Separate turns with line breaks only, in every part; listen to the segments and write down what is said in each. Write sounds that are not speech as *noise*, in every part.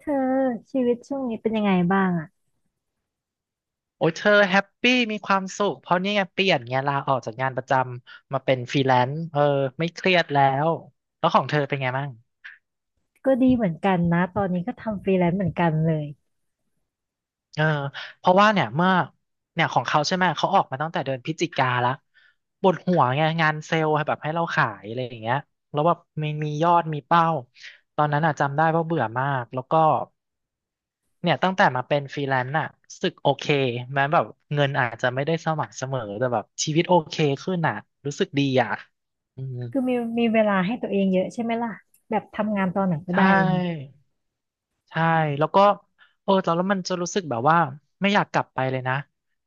เธอชีวิตช่วงนี้เป็นยังไงบ้างอ่ะ
โอ้ยเธอแฮปปี้มีความสุขเพราะนี่ไงเปลี่ยนไงลาออกจากงานประจำมาเป็นฟรีแลนซ์เออไม่เครียดแล้วแล้วของเธอเป็นไงบ้าง
ก็ดีเหมือนกันนะตอนนี้ก็ทำฟรีแลนซ์เหมือนกันเลย
เออเพราะว่าเนี่ยเมื่อเนี่ยของเขาใช่ไหมเขาออกมาตั้งแต่เดือนพฤศจิกาละปวดหัวไงงานเซลล์แบบให้เราขายอะไรอย่างเงี้ยแล้วแบบมียอดมีเป้าตอนนั้นอ่ะจำได้ว่าเบื่อมากแล้วก็ เนี่ยตั้งแต่มาเป็นฟรีแลนซ์อะรู้สึกโอเคแม้แบบเงินอาจจะไม่ได้สม่ำเสมอแต่แบบชีวิตโอเคขึ้นอะรู้สึกดีอะอืม
คือมีเวลาให้ตัวเองเยอะใช่ไหมล่ะแบบทำงานตอนไหนก็
ใช่
ได้เนี่ย
ใช่แล้วก็เออตอนแล้วมันจะรู้สึกแบบว่าไม่อยากกลับไปเลยนะ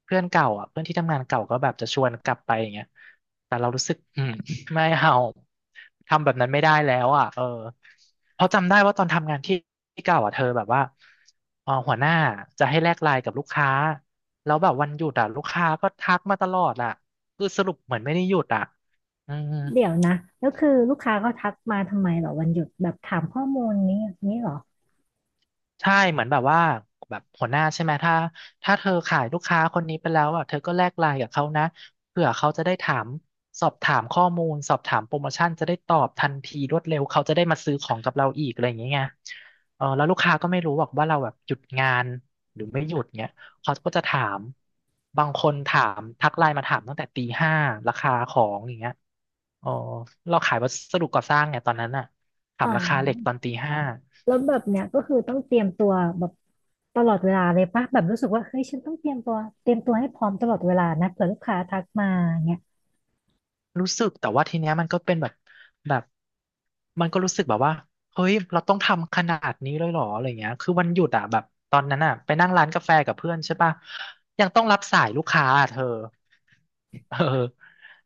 เพื่อนเก่าอ่ะเพื่อนที่ทำงานเก่าก็แบบจะชวนกลับไปอย่างเงี้ยแต่เรารู้สึกอืม *laughs* ไม่เอาทำแบบนั้นไม่ได้แล้วอ่ะเออเพราะจำได้ว่าตอนทำงานที่ที่เก่าอ่ะเธอแบบว่าเออหัวหน้าจะให้แลกไลน์กับลูกค้าแล้วแบบวันหยุดอ่ะลูกค้าก็ทักมาตลอดอ่ะคือสรุปเหมือนไม่ได้หยุดอ่ะอืม
เดี๋ยวนะแล้วคือลูกค้าเขาทักมาทำไมเหรอวันหยุดแบบถามข้อมูลนี้เหรอ
ใช่เหมือนแบบว่าแบบหัวหน้าใช่ไหมถ้าเธอขายลูกค้าคนนี้ไปแล้วอ่ะเธอก็แลกไลน์กับเขานะเผื่อเขาจะได้ถามสอบถามข้อมูลสอบถามโปรโมชั่นจะได้ตอบทันทีรวดเร็วเขาจะได้มาซื้อของกับเราอีกอะไรอย่างเงี้ยไงเออแล้วลูกค้าก็ไม่รู้หรอกว่าเราแบบหยุดงานหรือไม่หยุดเงี้ยเขาก็จะถามบางคนถามทักไลน์มาถามตั้งแต่ตีห้าราคาของอย่างเงี้ยเออเราขายวัสดุก่อสร้างไงตอนนั้นอ่ะถา
อ๋
มราคาเหล็กต
อ
อนตีห้า
แล้วแบบเนี้ยก็คือต้องเตรียมตัวแบบตลอดเวลาเลยปะแบบรู้สึกว่าเฮ้ยฉันต้องเตรียมตัวเตรียมตัวให้พร้อมตลอดเวลานะเผื่อลูกค้าทักมาเนี่ย
รู้สึกแต่ว่าทีเนี้ยมันก็เป็นแบบแบบมันก็รู้สึกแบบว่าเฮ้ยเราต้องทำขนาดนี้เลยเหรออะไรเงี้ยคือวันหยุดอ่ะแบบตอนนั้นอ่ะไปนั่งร้านกาแฟกับเพื่อนใช่ป่ะยังต้องรับสายลูกค้าอะเธอเออ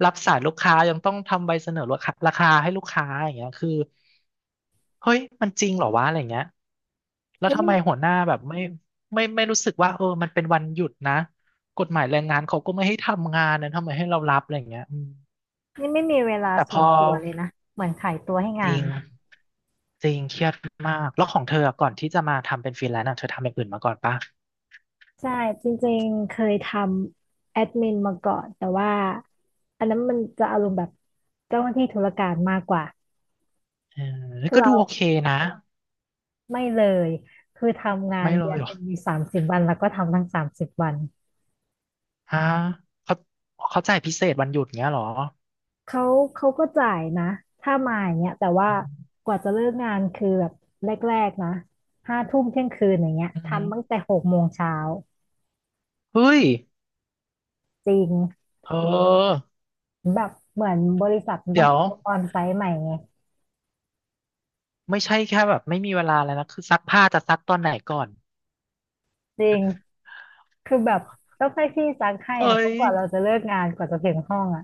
รับสายลูกค้ายังต้องทำใบเสนอราคาให้ลูกค้าอย่างเงี้ยคือเฮ้ยมันจริงเหรอวะอะไรเงี้ยแล้ว
เฮ้ย
ทำ
นี่
ไมหัวหน้าแบบไม่ไม่รู้สึกว่าเออมันเป็นวันหยุดนะกฎหมายแรงงานเขาก็ไม่ให้ทำงานนะทำไมให้เรารับอะไรเงี้ยอืม
นี่ไม่มีเวลา
แต่พ
ส่ว
อ
นตัวเลยนะเหมือนขายตัวให้
จ
งา
ริ
น
งจริงเครียดมากแล้วของเธออะก่อนที่จะมาทำเป็นฟรีแลนซ์อะเธอทำอย่างอื่นมาก่อนปะ
ใช่จริงๆเคยทำแอดมินมาก่อนแต่ว่าอันนั้นมันจะอารมณ์แบบเจ้าหน้าที่ธุรการมากกว่า
เออ
คือ
ก็ดู
เรา
โอเคนะ
ไม่เลยคือทำงาน
ไม่เล
เดือ
ย
น
เหร
ห
อ
นึ่งมีสามสิบวันแล้วก็ทำทั้งสามสิบวัน
ฮะเขาเขาจ่ายพิเศษวันหยุดเงี้ยเหรอ
เขาเขาก็จ่ายนะถ้ามาอย่างเงี้ยแต่ว่า
อืม
กว่าจะเลิกงานคือแบบแรกๆนะห้าทุ่มเที่ยงคืนอย่างเงี้ย
อื
ทำตั้ง
ม
แต่หกโมงเช้า
เฮ้ย
จริง
เออ
แบบเหมือนบริษัทมัน
เดี๋
ต้อง
ยว
ออนไซต์ใหม่ไง
ไม่ใช่แค่แบบไม่มีเวลาแล้วนะคือซักผ้าจะซักตอนไหนก่อน
จริง คือแบบต้องให้พี่ซักให้
เฮ้
อ่ะเพราะ
ย
กว่าเราจะเลิกงานกว่าจะถึงห้องอ่ะ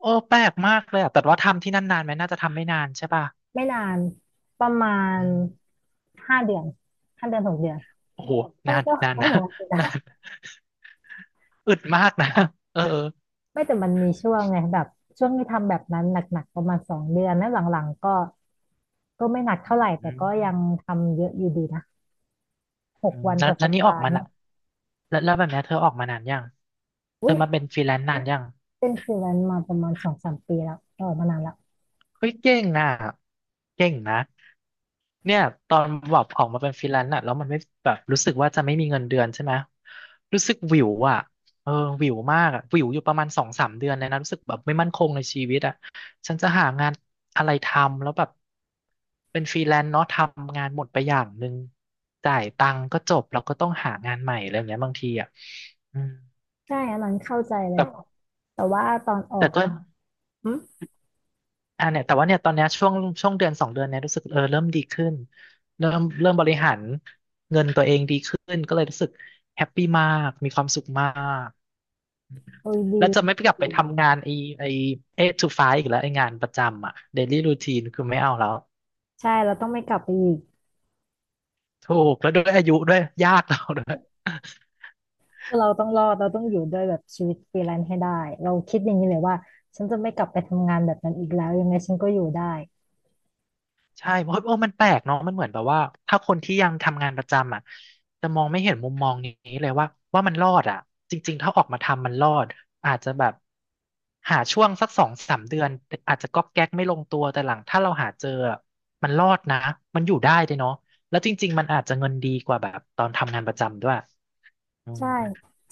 โอ้แปลกมากเลยอะแต่ว่าทำที่นั่นนานไหมน่าจะทำไม่นานใช่ป่ะ
ไม่นานประมาณ
อืม
ห้าเดือนห้าเดือนหกเดือน
โอ้โห
ก็
นาน
ก็
นาน
ก็
นะ
เหมือนกันนะ
นาน อึดมากนะ *laughs* เออ
ไม่แต่มันมีช่วงไงแบบช่วงที่ทำแบบนั้นหนักๆประมาณสองเดือนแล้วหลังๆก็ก็ไม่หนัก
อื
เท่าไหร่แต่ก็ยัง
ม
ทำเยอะอยู่ดีนะห
อื
ก
ม
วัน
แล้
ต่
ว
อ
แล้
สั
ว
ป
นี่ออ
ดา
ก
ห์
มา
เนี่ย
ละแล้วแบบเนี้ยเธอออกมานานยังเธ
อุ้
อ
ย
มาเป็นฟรีแลนซ์นานยัง
เป็นฟรีแลนซ์มาประมาณสองสามปีแล้วออกมานานแล้ว
เฮ้ยเก่งนะเก่งนะ เนี่ยตอนแบบออกมาเป็นฟรีแลนซ์อะแล้วมันไม่แบบรู้สึกว่าจะไม่มีเงินเดือนใช่ไหมรู้สึกหวิวอะเออหวิวมากอะหวิวอยู่ประมาณสองสามเดือนเลยนะรู้สึกแบบไม่มั่นคงในชีวิตอะฉันจะหางานอะไรทำแล้วแบบเป็นฟรีแลนซ์เนาะทำงานหมดไปอย่างหนึ่งจ่ายตังค์ก็จบแล้วก็ต้องหางานใหม่อะไรอย่างเงี้ยบางทีอะอืม
ใช่อันนั้นเข้าใจเล
แต่
ยแต่ว่าตอนออ
แต่
ก
ก็
อืม
อ่าเนี่ยแต่ว่าเนี่ยตอนเนี้ยช่วงเดือนสองเดือนเนี่ยรู้สึกเออเริ่มดีขึ้นเริ่มบริหารเงินตัวเองดีขึ้นก็เลยรู้สึกแฮปปี้มากมีความสุขมาก
โอ้ยดี
แล้วจะไม่กลับ
ดี
ไปทำงานไอเอทูไฟว์อีกแล้วไองานประจำอ่ะเดลี่รูทีนคือไม่เอาแล้ว
ใช่เราต้องไม่กลับไปอีก
ถูกแล้วด้วยอายุด้วยยากเราด้วย
คือเราต้องรอดเราต้องอยู่ด้วยแบบชีวิตฟรีแลนซ์ให้ได้เราคิดอย่างนี้เลยว่าฉันจะไม่กลับไปทำงานแบบนั้นอีกแล้วยังไงฉันก็อยู่ได้
ใช่เพราะโอ้มันแปลกเนาะมันเหมือนแบบว่าถ้าคนที่ยังทำงานประจำอ่ะจะมองไม่เห็นมุมมองนี้เลยว่าว่ามันรอดอ่ะจริงๆถ้าออกมาทำมันรอดอาจจะแบบหาช่วงสักสองสามเดือนอาจจะก๊อกแก๊กไม่ลงตัวแต่หลังถ้าเราหาเจออะมันรอดนะมันอยู่ได้เลยเนาะแล้วจริงๆมันอาจจะเงินดีกว่าแบบตอนทำงานประจำด้วยอืม
ใช่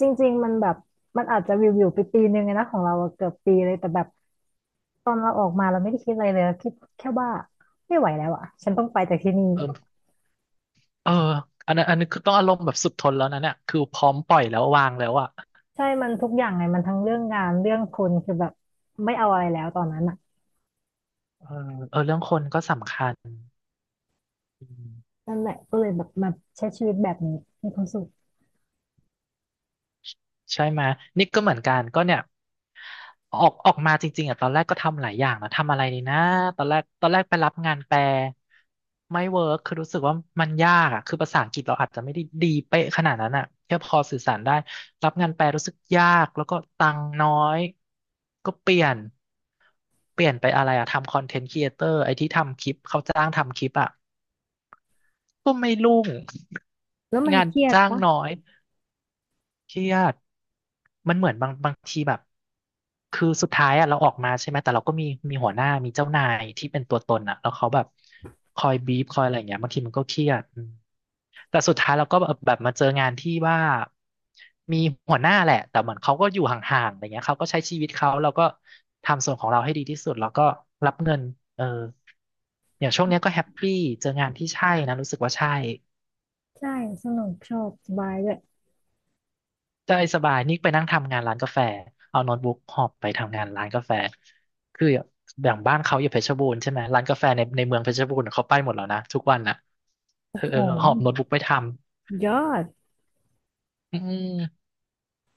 จริงๆมันแบบมันอาจจะวิวไปปีนึงอะนะของเราอะเกือบปีเลยแต่แบบตอนเราออกมาเราไม่ได้คิดอะไรเลยเราคิดแค่ว่าไม่ไหวแล้วอ่ะฉันต้องไปจากที่นี่
เออเอออันนั้นอันนี้คือต้องอารมณ์แบบสุดทนแล้วนะเนี่ยคือพร้อมปล่อยแล้ววางแล้วอ่ะ
ใช่มันทุกอย่างไงมันทั้งเรื่องงานเรื่องคนคือแบบไม่เอาอะไรแล้วตอนนั้นอ่ะ
เออเออเรื่องคนก็สำคัญอืม
นั่นแหละก็เลยแบบมาใช้ชีวิตแบบนี้มีความสุข
ใช่ไหมยนี่ก็เหมือนกันก็เนี่ยออกมาจริงๆอ่ะตอนแรกก็ทำหลายอย่างนะทำอะไรดีนะตอนแรกไปรับงานแปลไม่เวิร์คคือรู้สึกว่ามันยากอ่ะคือภาษาอังกฤษเราอาจจะไม่ได้ดีเป๊ะขนาดนั้นอ่ะแค่พอสื่อสารได้รับงานแปลรู้สึกยากแล้วก็ตังค์น้อยก็เปลี่ยนไปอะไรอ่ะทำคอนเทนต์ครีเอเตอร์ไอ้ที่ทำคลิปเขาจ้างทำคลิปอ่ะก็ไม่รุ่ง
แล้วมั
*laughs*
น
งาน
เครียด
จ้าง
ปะ
น้อย เครียดมันเหมือนบางทีแบบคือสุดท้ายอะเราออกมาใช่ไหมแต่เราก็มีหัวหน้ามีเจ้านายที่เป็นตัวตนอะแล้วเขาแบบคอยบีบคอยอะไรอย่างเงี้ยบางทีมันก็เครียดอืมแต่สุดท้ายเราก็แบบมาเจองานที่ว่ามีหัวหน้าแหละแต่เหมือนเขาก็อยู่ห่างๆอะไรเงี้ยเขาก็ใช้ชีวิตเขาเราก็ทำส่วนของเราให้ดีที่สุดแล้วก็รับเงินเอออย่างช่วงเนี้ยก็แฮปปี้เจองานที่ใช่นะรู้สึกว่าใช่
ใช่สนุกชอบสบายด้วย
ใช่สบายนี่ไปนั่งทำงานร้านกาแฟ เอาโน้ตบุ๊กหอบไปทำงานร้านกาแฟ คืออย่างบ้านเขาอยู่เพชรบูรณ์ใช่ไหมร้านกาแฟในเมืองเพชรบูรณ์เขาไปหมดแล้วนะทุกวันน่ะ
โอ้
เออ
โห
หอบโน้ตบุ๊กไปทำ
ยอด
อืม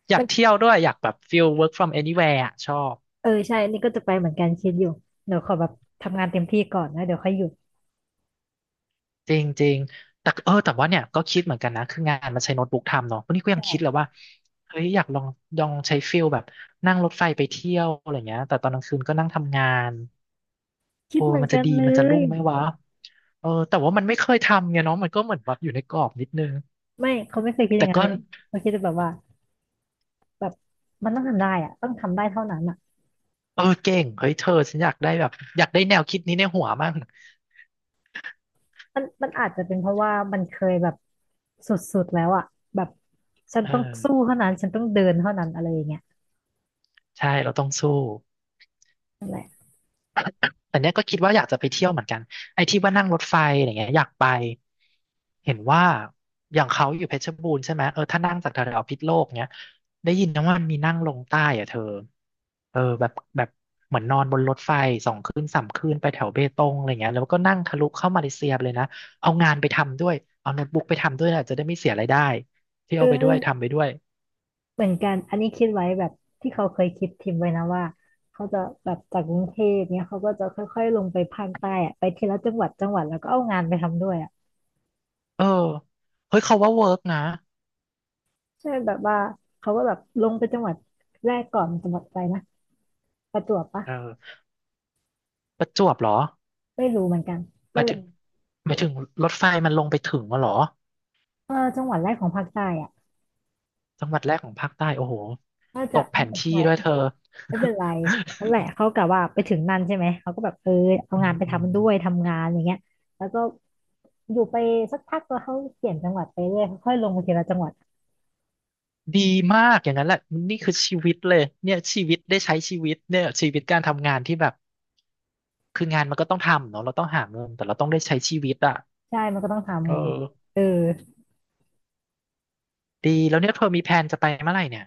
อยา
มั
ก
น
เที่ยวด้วยอยากแบบฟิล work from anywhere อะชอบ
เออใช่อันนี่ก็จะไปเหมือนกันคิดอยู่เดี๋ยวขอแบบทำงานเต็มที่ก่อนนะเดี๋ยวค่อยหยุด
จริงจริงแต่เออแต่ว่าเนี่ยก็คิดเหมือนกันนะคืองานมันใช้โน้ตบุ๊กทำเนาะวันนี้ก็ยังคิดเลยว่าเฮ้ยอยากลองลองใช้ฟิลแบบนั่งรถไฟไปเที่ยวอะไรเงี้ยแต่ตอนกลางคืนก็นั่งทำงาน
คิ
โอ้
ดเหมือ
มั
น
นจะ
กัน
ดี
เล
มันจะ
ย
รุ่งไหมวะ เออแต่ว่ามันไม่เคยทำไงเนาะมันก็เหมือนแบบอยู่ในกรอบนิดนึง
ไม่เขาไม่เคยคิดอ
แต่
ย่างนั้น
ก็
เลยเขาคิดแต่แบบว่าแบบมันต้องทำได้อะต้องทำได้เท่านั้นอะ
เออเก่งเฮ้ยเธอฉันอยากได้แบบอยากได้แนวคิดนี้ในหัวมั่ง
มันอาจจะเป็นเพราะว่ามันเคยแบบสุดๆแล้วอะแบบฉัน
เออ
ต้องสู้เท่านั้นฉันต้องเดินเท่านั้นอะไรอย่างเงี้ย
ใช่เราต้องสู้
นั่นแหละ
แต่เนี้ยก็คิดว่าอยากจะไปเที่ยวเหมือนกันไอ้ที่ว่านั่งรถไฟอะไรเงี้ยอยากไปเห็นว่าอย่างเขาอยู่เพชรบูรณ์ใช่ไหมเออถ้านั่งจากแถวๆพิษโลกเนี้ยได้ยินนะว่ามันมีนั่งลงใต้อะเธอเออแบบเหมือนนอนบนรถไฟ2 คืน 3 คืนไปแถวเบตงอะไรเงี้ยแล้วก็นั่งทะลุเข้ามาเลเซียไปเลยนะเอางานไปทำด้วยเอาโน้ตบุ๊กไปทำด้วยนะจะได้ไม่เสียรายได้เที่ย
เอ
วไปด้วย
อ
ทำไปด้วย
เหมือนกัน อันนี้คิดไว้แบบที่เขาเคยคิดทิมไว้นะว่าเขาจะแบบจากกรุงเทพเนี้ยเขาก็จะค่อยๆลงไปภาคใต้อะไปทีละจังหวัดแล้วก็เอางานไปทำด้วยอ่ะ
เออเฮ้ยเขาว่าเวิร์กนะ
ใช่แบบว่าเขาก็แบบลงไปจังหวัดแรกก่อนจังหวัดอะไรนะประจวบปะ
เออประจวบเหรอ
ไม่รู้เหมือนกัน
ห
นั่
มา
น
ย
แห
ถึ
ละ
งหมายถึงรถไฟมันลงไปถึงวะเหรอ
เออจังหวัดแรกของภาคใต้อ่ะ
จังหวัดแรกของภาคใต้โอ้โห
น่า
ต
จะ
กแผ
น่า
น
จะ
ที่
ใช่
ด้วยเธอ
ไม่เป็นไรนั่นแหละเขากะว่าไปถึงนั่นใช่ไหมเขาก็แบบเออเอา
อื
งา
ม
นไป
อืม
ทำด้วยทำงานอย่างเงี้ยแล้วก็อยู่ไปสักพักแล้วเขาเปลี่ยนจังหวัดไปเรื่อยค่อยๆลงไปทีละจังหวัด
ดีมากอย่างนั้นแหละนี่คือชีวิตเลยเนี่ยชีวิตได้ใช้ชีวิตเนี่ยชีวิตการทำงานที่แบบคืองานมันก็ต้องทำเนาะเราต้องหาเงินแต่เราต้องได้ใช้ชีวิตอ่ะ
ใช่มันก็ต้อง
เอ
ทำ
อ
ไงเออ
ดีแล้วเนี่ยเธอมีแผนจะไปเมื่อไหร่เนี่ย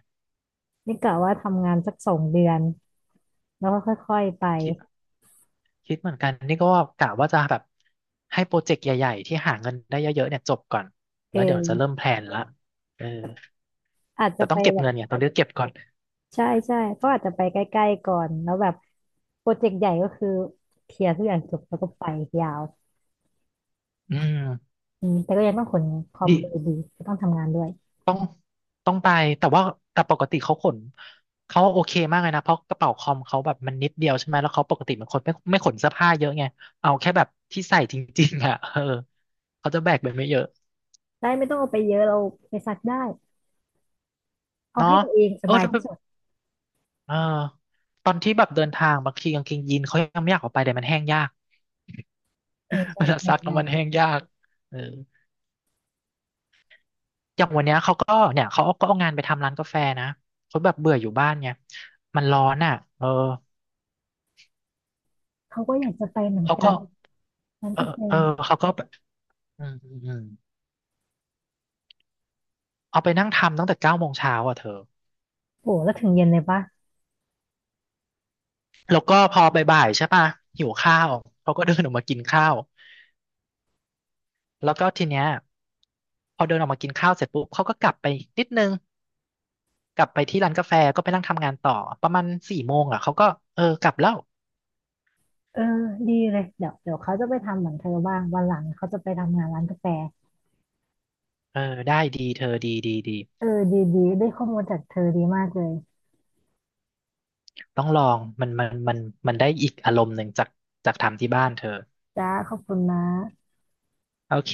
นี่กะว่าทำงานสักสองเดือนแล้วก็ค่อยๆไป
คิดคิดเหมือนกันนี่ก็กะว่าจะแบบให้โปรเจกต์ใหญ่ๆที่หาเงินได้เยอะๆเนี่ยจบก่อนแล้วเดี๋ยวจะ
เออ
เริ่มแพลนละเออ
อาจจะ
แต่ต้
ไป
องเก็บ
แบบ
เงินเนี่ยตอนนี้เก็บก่อน
ใช่ใช่ก็อาจจะไปใกล้ๆก่อนแล้วแบบโปรเจกต์ใหญ่ก็คือเคลียร์ทุกอย่างจบแล้วก็ไปยาว
อืม
อืมแต่ก็ยังต้องขนคอม
ดิ
ไปดีก็ต้องทำงานด้วย
ต้องต้องไปแต่ว่าแต่ปกติเขาขนเขาโอเคมากเลยนะเพราะกระเป๋าคอมเขาแบบมันนิดเดียวใช่ไหมแล้วเขาปกติเป็นคนไม่ขนเสื้อผ้าเยอะไงเอาแค่แบบที่ใส่จริงๆอ่ะเออเขาจะแบกไปไม่เยอะ
ได้ไม่ต้องเอาไปเยอะเราไปซักได้เอา
เนาะ
ให้ตัวเองส
เออ
บาย
แล้วแบ
ที่
บ
สุด
เออตอนที่แบบเดินทางบางทีกางเกงยีนเขายังไม่อยากออกไปแต่มันแห้งยาก
เออ
*laughs*
ใช่
เว
แบ
ลา
บ
ซักแล้ว
นั้
มั
น
นแห้งยากเออ อย่างวันเนี้ยเขาก็เนี่ยเขาก็เอางานไปทำร้านกาแฟนะเขาแบบเบื่ออยู่บ้านไงมันร้อนอ่ะเออ
เขาก็อยากจะไปเหมือน
เขา
กั
ก็
นร้าน
เออ
กาแฟ
เออเขาก็แบบอืมอืมอืมเอาไปนั่งทำตั้งแต่9 โมงเช้าอ่ะเธอ
โอ้แล้วถึงเย็นเลยปะ
แล้วก็พอบ่ายๆใช่ป่ะหิวข้าวเขาก็เดินออกมากินข้าวแล้วก็ทีเนี้ยพอเดินออกมากินข้าวเสร็จปุ๊บเขาก็กลับไปนิดนึงกลับไปที่ร้านกาแฟก็ไปนั่งทำงานต่อประมาณ4 โมงอ่ะเขาก็เออกลับแล้ว
เออดีเลยเดี๋ยวเขาจะไปทำเหมือนเธอบ้าง วันหลังเขาจะไปทำงานร้านกาแฟ
เออได้ดีเธอดีดีดี
เออดีดีได้ข้อมูลจากเธอดีมากเลย
ต้องลองมันมันได้อีกอารมณ์หนึ่งจากจากทำที่บ้านเธอ
จ้าขอบคุณนะ
โอเค